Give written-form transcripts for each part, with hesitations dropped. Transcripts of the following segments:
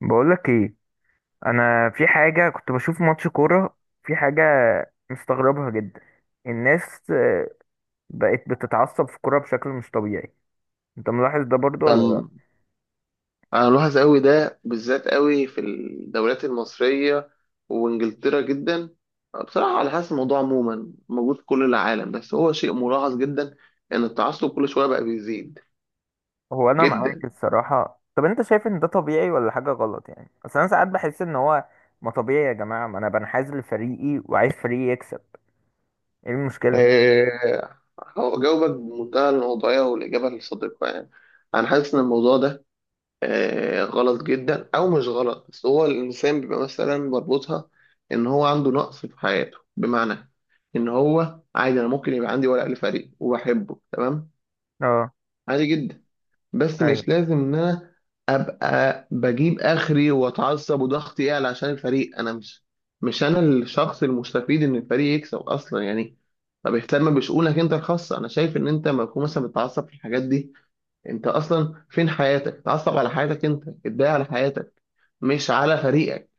بقولك ايه؟ انا في حاجه، كنت بشوف ماتش كوره، في حاجه مستغربها جدا. الناس بقت بتتعصب في الكوره بشكل مش طبيعي. انت ملاحظ ده برضو ده ولا لا؟ م- انا ملاحظ قوي ده بالذات قوي في الدوريات المصريه وانجلترا جدا. بصراحه على حسب الموضوع عموما موجود في كل العالم، بس هو شيء ملاحظ جدا ان التعصب كل شويه بقى بيزيد هو انا جدا. معاك الصراحه. طب انت شايف ان ده طبيعي ولا حاجه غلط؟ يعني اصل انا ساعات بحس ان هو ما طبيعي. يا جماعه، ما انا بنحاز لفريقي وعايز فريقي يكسب، ايه المشكله؟ آه، هو جاوبك بمنتهى الموضوعيه والاجابه الصادقه، يعني انا حاسس ان الموضوع ده غلط جدا او مش غلط، بس هو الانسان بيبقى مثلا بربطها ان هو عنده نقص في حياته. بمعنى ان هو عادي، انا ممكن يبقى عندي ورق لفريق وبحبه، تمام، اه. عادي جدا، بس ايوه. مش لازم ان انا ابقى بجيب اخري واتعصب وضغطي يعلى عشان الفريق. انا مش، مش انا الشخص المستفيد ان الفريق يكسب اصلا يعني. طب اهتم بشؤونك انت الخاصه. انا شايف ان انت لما تكون مثلا بتتعصب في الحاجات دي، انت اصلا فين حياتك؟ اتعصب على حياتك انت، اتضايق على حياتك مش على فريقك.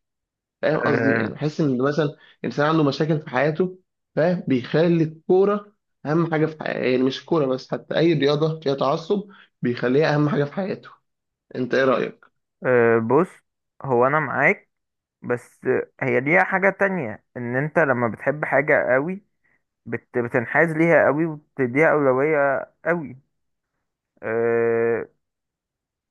فاهم قصدي؟ يعني أه. بحس ان مثلا انسان عنده مشاكل في حياته، فاهم، بيخلي الكوره اهم حاجه في حياته. يعني مش الكوره بس، حتى اي رياضه فيها تعصب بيخليها اهم حاجه في حياته. انت ايه رايك؟ أه، بص، هو انا معاك، بس هي ليها حاجه تانية، ان انت لما بتحب حاجه قوي بتنحاز ليها قوي وبتديها أولوية قوي. أه.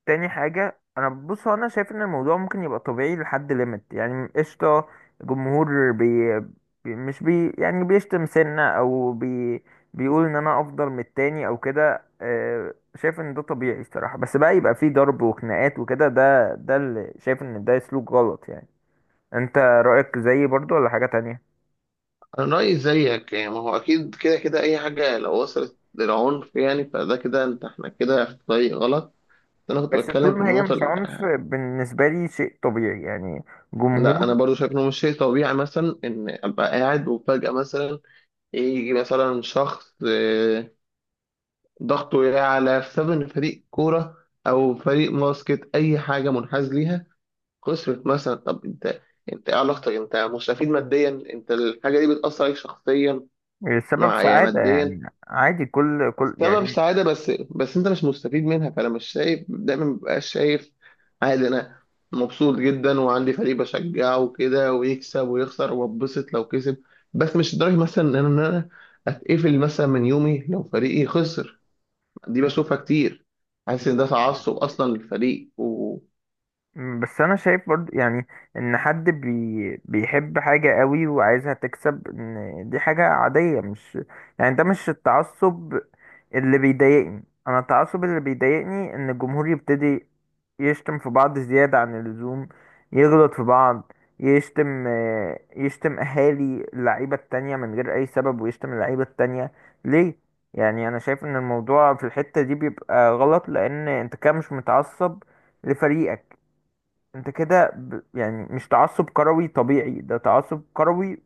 تاني حاجة أنا، بص، هو أنا شايف إن الموضوع ممكن يبقى طبيعي لحد ليميت، يعني قشطة. الجمهور مش بي، يعني بيشتم سنة، أو بي بيقول إن أنا أفضل من التاني أو كده، أه شايف إن ده طبيعي الصراحة. بس بقى يبقى فيه ضرب وخناقات وكده، ده اللي شايف إن ده سلوك غلط يعني. أنت رأيك زيي برضو ولا حاجة تانية؟ انا رايي زيك يعني. ما هو اكيد كده كده اي حاجه لو وصلت للعنف يعني فده كده، احنا كده في طريق غلط. انا كنت بس طول بتكلم في ما هي النقطه مش ال- عنف، بالنسبة لي شيء طبيعي يعني. لا انا جمهور. برضو شايف انه مش شيء طبيعي مثلا ان ابقى قاعد وفجاه مثلا يجي مثلا شخص، ضغطه يعلى بسبب ان فريق كوره او فريق باسكت اي حاجه منحاز ليها خسرت مثلا. طب انت، انت ايه علاقتك؟ انت مستفيد ماديا؟ انت الحاجه دي بتاثر عليك شخصيا؟ سبب مع يعني سعادة ماديا؟ يعني. عادي. كل سبب سعادة، بس بس انت مش مستفيد منها، فانا مش شايف دايما، مبقاش شايف. عادي انا مبسوط جدا وعندي فريق بشجعه وكده، ويكسب ويخسر، وببسط لو كسب، بس مش لدرجة مثلا ان انا اتقفل مثلا من يومي لو فريقي خسر. دي يعني. بشوفها كتير، حاسس ان ده تعصب اصلا للفريق و بس انا شايف برضو يعني ان حد بي بيحب حاجة قوي وعايزها تكسب، ان دي حاجة عادية، مش يعني ده مش التعصب اللي بيضايقني. انا التعصب اللي بيضايقني ان الجمهور يبتدي يشتم في بعض زيادة عن اللزوم، يغلط في بعض، يشتم يشتم اهالي اللعيبة التانية من غير اي سبب، ويشتم اللعيبة التانية ليه؟ يعني انا شايف ان الموضوع في الحتة دي بيبقى غلط، لان انت كده مش متعصب لفريقك، انت كده، ب... يعني مش تعصب كروي طبيعي، ده تعصب كروي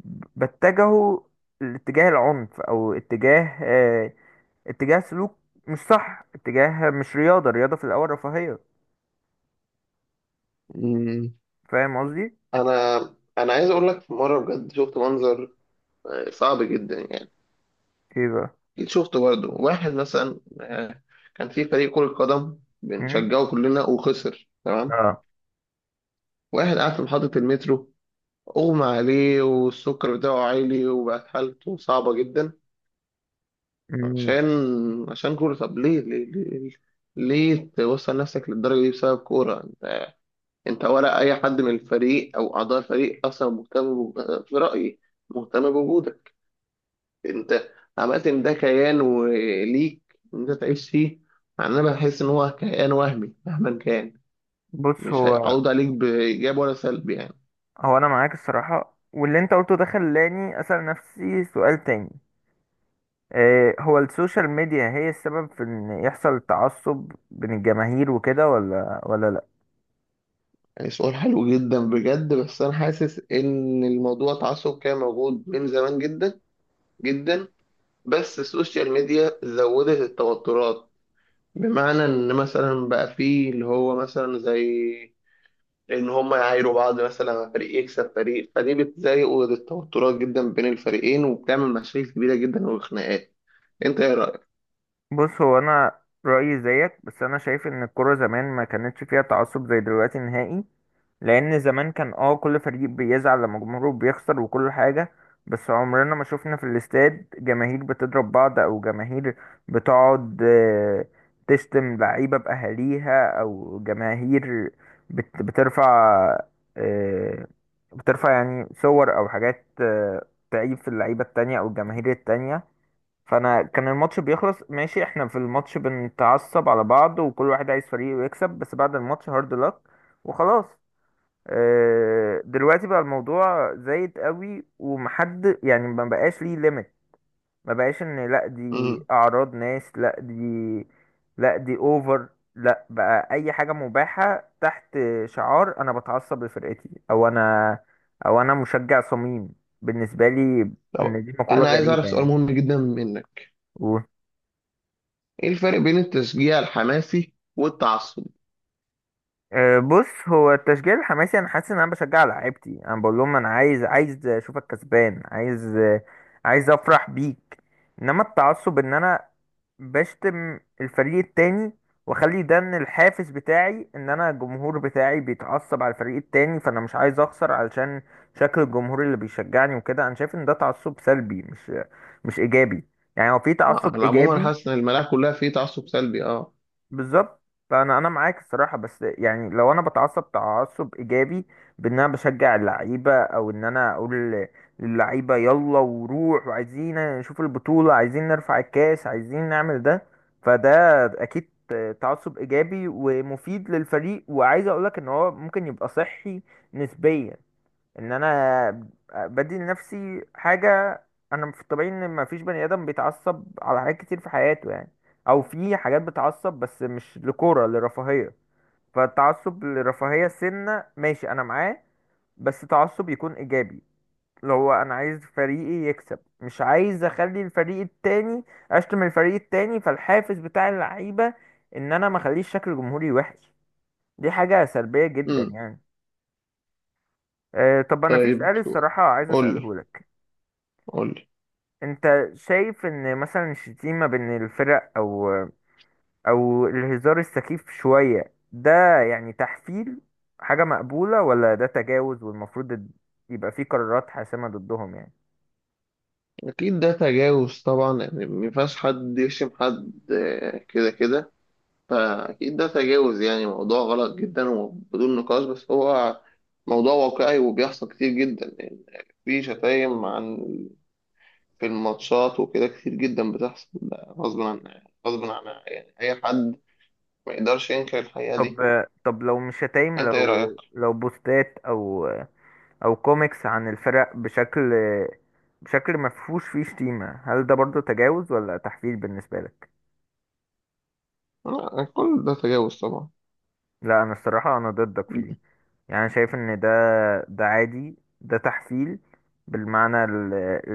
بتجهه لاتجاه العنف، او اتجاه اتجاه سلوك مش صح، اتجاه مش رياضة. الرياضة في الاول رفاهية. مم. فاهم قصدي؟ انا انا عايز اقول لك، في مرة بجد شفت منظر صعب جدا يعني. ايه بقى؟ أكيد شفت برضه واحد مثلا، كان في فريق كرة قدم امم. بنشجعه كلنا وخسر، تمام. اه. واحد قاعد في محطة المترو أغمى عليه، والسكر بتاعه عالي، وبقت حالته صعبة جدا مم. عشان، عشان كورة. طب ليه، ليه، ليه توصل نفسك للدرجة دي بسبب كورة؟ أنت، أنت ولا أي حد من الفريق أو أعضاء الفريق أصلا مهتم في رأيي مهتم بوجودك. انت عملت ان ده كيان، وليك ان انت تعيش فيه. يعني انا بحس ان هو كيان وهمي مهما كان، بص، مش هو هيعود عليك بايجاب ولا سلب يعني. هو انا معاك الصراحة. واللي انت قلته ده خلاني اسأل نفسي سؤال تاني. هو السوشيال ميديا هي السبب في ان يحصل تعصب بين الجماهير وكده ولا؟ يعني سؤال حلو جدا بجد، بس انا حاسس ان الموضوع تعصب كان موجود من زمان جدا جدا، بس السوشيال ميديا زودت التوترات. بمعنى ان مثلا بقى فيه اللي هو مثلا زي ان هم يعايروا بعض. مثلا فريق يكسب فريق، فدي بتزايق التوترات جدا بين الفريقين وبتعمل مشاكل كبيره جدا وخناقات. انت ايه رايك؟ بص، هو انا رايي زيك، بس انا شايف ان الكوره زمان ما كانتش فيها تعصب زي دلوقتي نهائي. لان زمان كان اه كل فريق بيزعل لما جمهوره بيخسر وكل حاجه، بس عمرنا ما شفنا في الاستاد جماهير بتضرب بعض، او جماهير بتقعد تشتم لعيبه باهاليها، او جماهير بترفع، آه، بترفع يعني صور او حاجات تعيب في اللعيبه التانية او الجماهير التانية. فانا كان الماتش بيخلص ماشي، احنا في الماتش بنتعصب على بعض وكل واحد عايز فريقه يكسب، بس بعد الماتش هارد لك وخلاص. دلوقتي بقى الموضوع زايد قوي ومحد يعني ما بقاش ليه ليميت، ما بقاش ان لا دي امم. اعراض ناس، لا دي، لا دي اوفر، لا بقى اي حاجة مباحة تحت شعار انا بتعصب لفرقتي، او انا مشجع صميم. بالنسبة لي طب ان دي مقولة انا عايز اعرف سؤال غريبة مهم جدا منك. يعني. ايه الفرق بين التشجيع الحماسي والتعصب؟ أه، بص، هو التشجيع الحماسي انا حاسس ان انا بشجع لعيبتي، انا بقول لهم انا عايز، عايز اشوفك كسبان، عايز افرح بيك. انما التعصب ان انا بشتم الفريق التاني، واخلي ده ان الحافز بتاعي ان انا الجمهور بتاعي بيتعصب على الفريق التاني، فانا مش عايز اخسر علشان شكل الجمهور اللي بيشجعني وكده. انا شايف ان ده تعصب سلبي، مش ايجابي يعني. هو في تعصب انا عموما ايجابي. حاسس ان الملاعب كلها فيه تعصب سلبي. اه. بالظبط. انا معاك الصراحه. بس يعني لو انا بتعصب تعصب ايجابي بان انا بشجع اللعيبه، او ان انا اقول للعيبه يلا وروح، وعايزين نشوف البطوله، عايزين نرفع الكاس، عايزين نعمل ده، فده اكيد تعصب ايجابي ومفيد للفريق. وعايز اقولك ان هو ممكن يبقى صحي نسبيا، ان انا بدي لنفسي حاجه. انا في الطبيعي ان ما فيش بني ادم بيتعصب على حاجات كتير في حياته يعني، او في حاجات بتعصب، بس مش لكوره، لرفاهيه. فالتعصب لرفاهيه سنه ماشي انا معاه، بس تعصب يكون ايجابي، اللي هو انا عايز فريقي يكسب، مش عايز اخلي الفريق التاني، اشتم الفريق التاني فالحافز بتاع اللعيبه ان انا ما اخليش شكل جمهوري وحش. دي حاجه سلبيه جدا امم. يعني. أه، طب انا في سؤال طيب سؤال. الصراحه عايز قول لي، اساله لك. قول لي. انت شايف ان مثلا الشتيمة بين الفرق، او او الهزار السخيف شوية ده يعني، تحفيل، حاجة مقبولة ولا ده تجاوز والمفروض يبقى فيه قرارات حاسمة ضدهم يعني؟ اكيد ده تجاوز طبعا يعني. ما ينفعش حد يشتم حد، كده كده. فأكيد ده تجاوز يعني، موضوع غلط جدا وبدون نقاش، بس هو موضوع واقعي وبيحصل كتير جدا يعني. في شتايم عن، في الماتشات وكده كتير جدا بتحصل غصب عن، غصب عن يعني أي حد. ما يقدرش ينكر الحقيقة طب دي. طب لو مش شتايم، أنت إيه رأيك؟ لو بوستات، او او كوميكس عن الفرق بشكل، بشكل مفهوش فيه شتيمة، هل ده برضو تجاوز ولا تحفيل بالنسبة لك؟ لا، كل ده تجاوز طبعا. لا، انا الصراحة انا ضدك في دي. يعني أنا شايف ان ده، ده عادي، ده تحفيل بالمعنى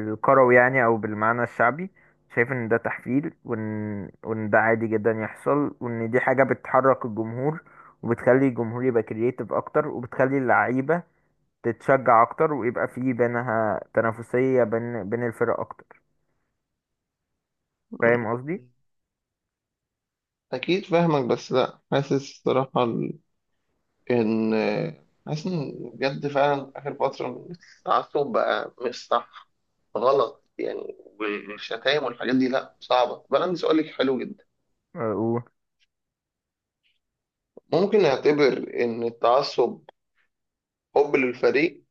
الكروي يعني، او بالمعنى الشعبي. شايف ان ده تحفيل، وان ده عادي جدا يحصل، وان دي حاجة بتحرك الجمهور وبتخلي الجمهور يبقى كرييتيف اكتر، وبتخلي اللعيبة تتشجع اكتر، ويبقى في بينها تنافسية بين الفرق اكتر. فاهم قصدي؟ أكيد فاهمك، بس لأ، حاسس الصراحة إن حاسس إن بجد فعلا آخر فترة التعصب بقى مش صح، غلط يعني. والشتايم والحاجات دي لأ، صعبة. بقى عندي سؤال لك حلو جدا. اه، قول. ممكن نعتبر إن التعصب حب للفريق،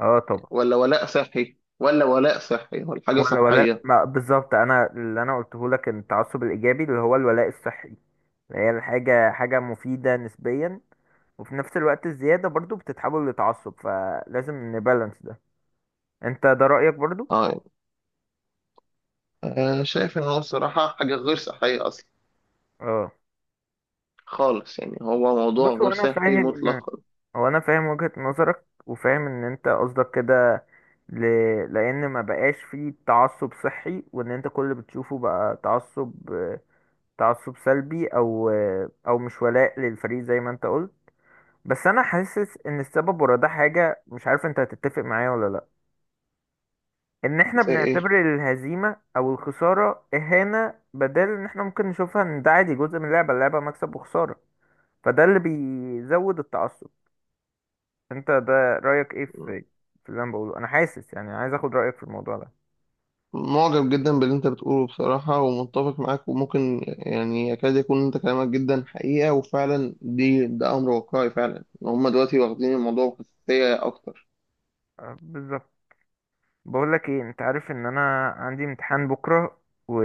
آه طبعا. ولا ولاء صحي، ولا ولاء صحي، ولا حاجة ولا صحية؟ ما بالظبط، انا اللي انا قلته لك التعصب الايجابي اللي هو الولاء الصحي، هي الحاجة حاجة مفيدة نسبيا، وفي نفس الوقت الزيادة برضو بتتحول لتعصب، فلازم نبالانس ده. انت ده رأيك برضو؟ اه يعني أنا شايف إن هو الصراحة حاجة غير صحية أصلا اه. خالص، يعني هو موضوع بص، غير هو انا صحي فاهم مطلقا. هو انا فاهم وجهة نظرك، وفاهم ان انت قصدك كده، ل... لان ما بقاش فيه تعصب صحي، وان انت كل اللي بتشوفه بقى تعصب، تعصب سلبي، او او مش ولاء للفريق زي ما انت قلت. بس انا حاسس ان السبب ورا ده حاجة، مش عارف انت هتتفق معايا ولا لا، ان احنا زي إيه؟ بنعتبر الهزيمة او الخسارة اهانة، بدل ان احنا ممكن نشوفها ان ده عادي جزء من اللعبة، اللعبة مكسب وخسارة. فده اللي بيزود التعصب. انت ده رأيك ايه في، في اللي انا بقوله؟ انا حاسس يعني، عايز اخد رأيك في الموضوع ده. معجب جدا باللي انت بتقوله بصراحة، ومتفق معاك، وممكن يعني يكاد يكون انت كلامك جدا حقيقة، وفعلا دي، ده امر واقعي فعلا ان هم دلوقتي واخدين الموضوع بحساسية اكتر. أه، بالظبط. بقول لك ايه، انت عارف ان انا عندي امتحان بكرة، و...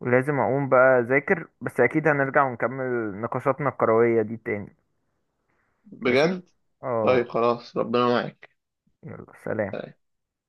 ولازم اقوم بقى اذاكر، بس اكيد هنرجع ونكمل نقاشاتنا الكروية دي تاني. ماشي. بجد. طيب اه. خلاص، ربنا معاك. يلا سلام.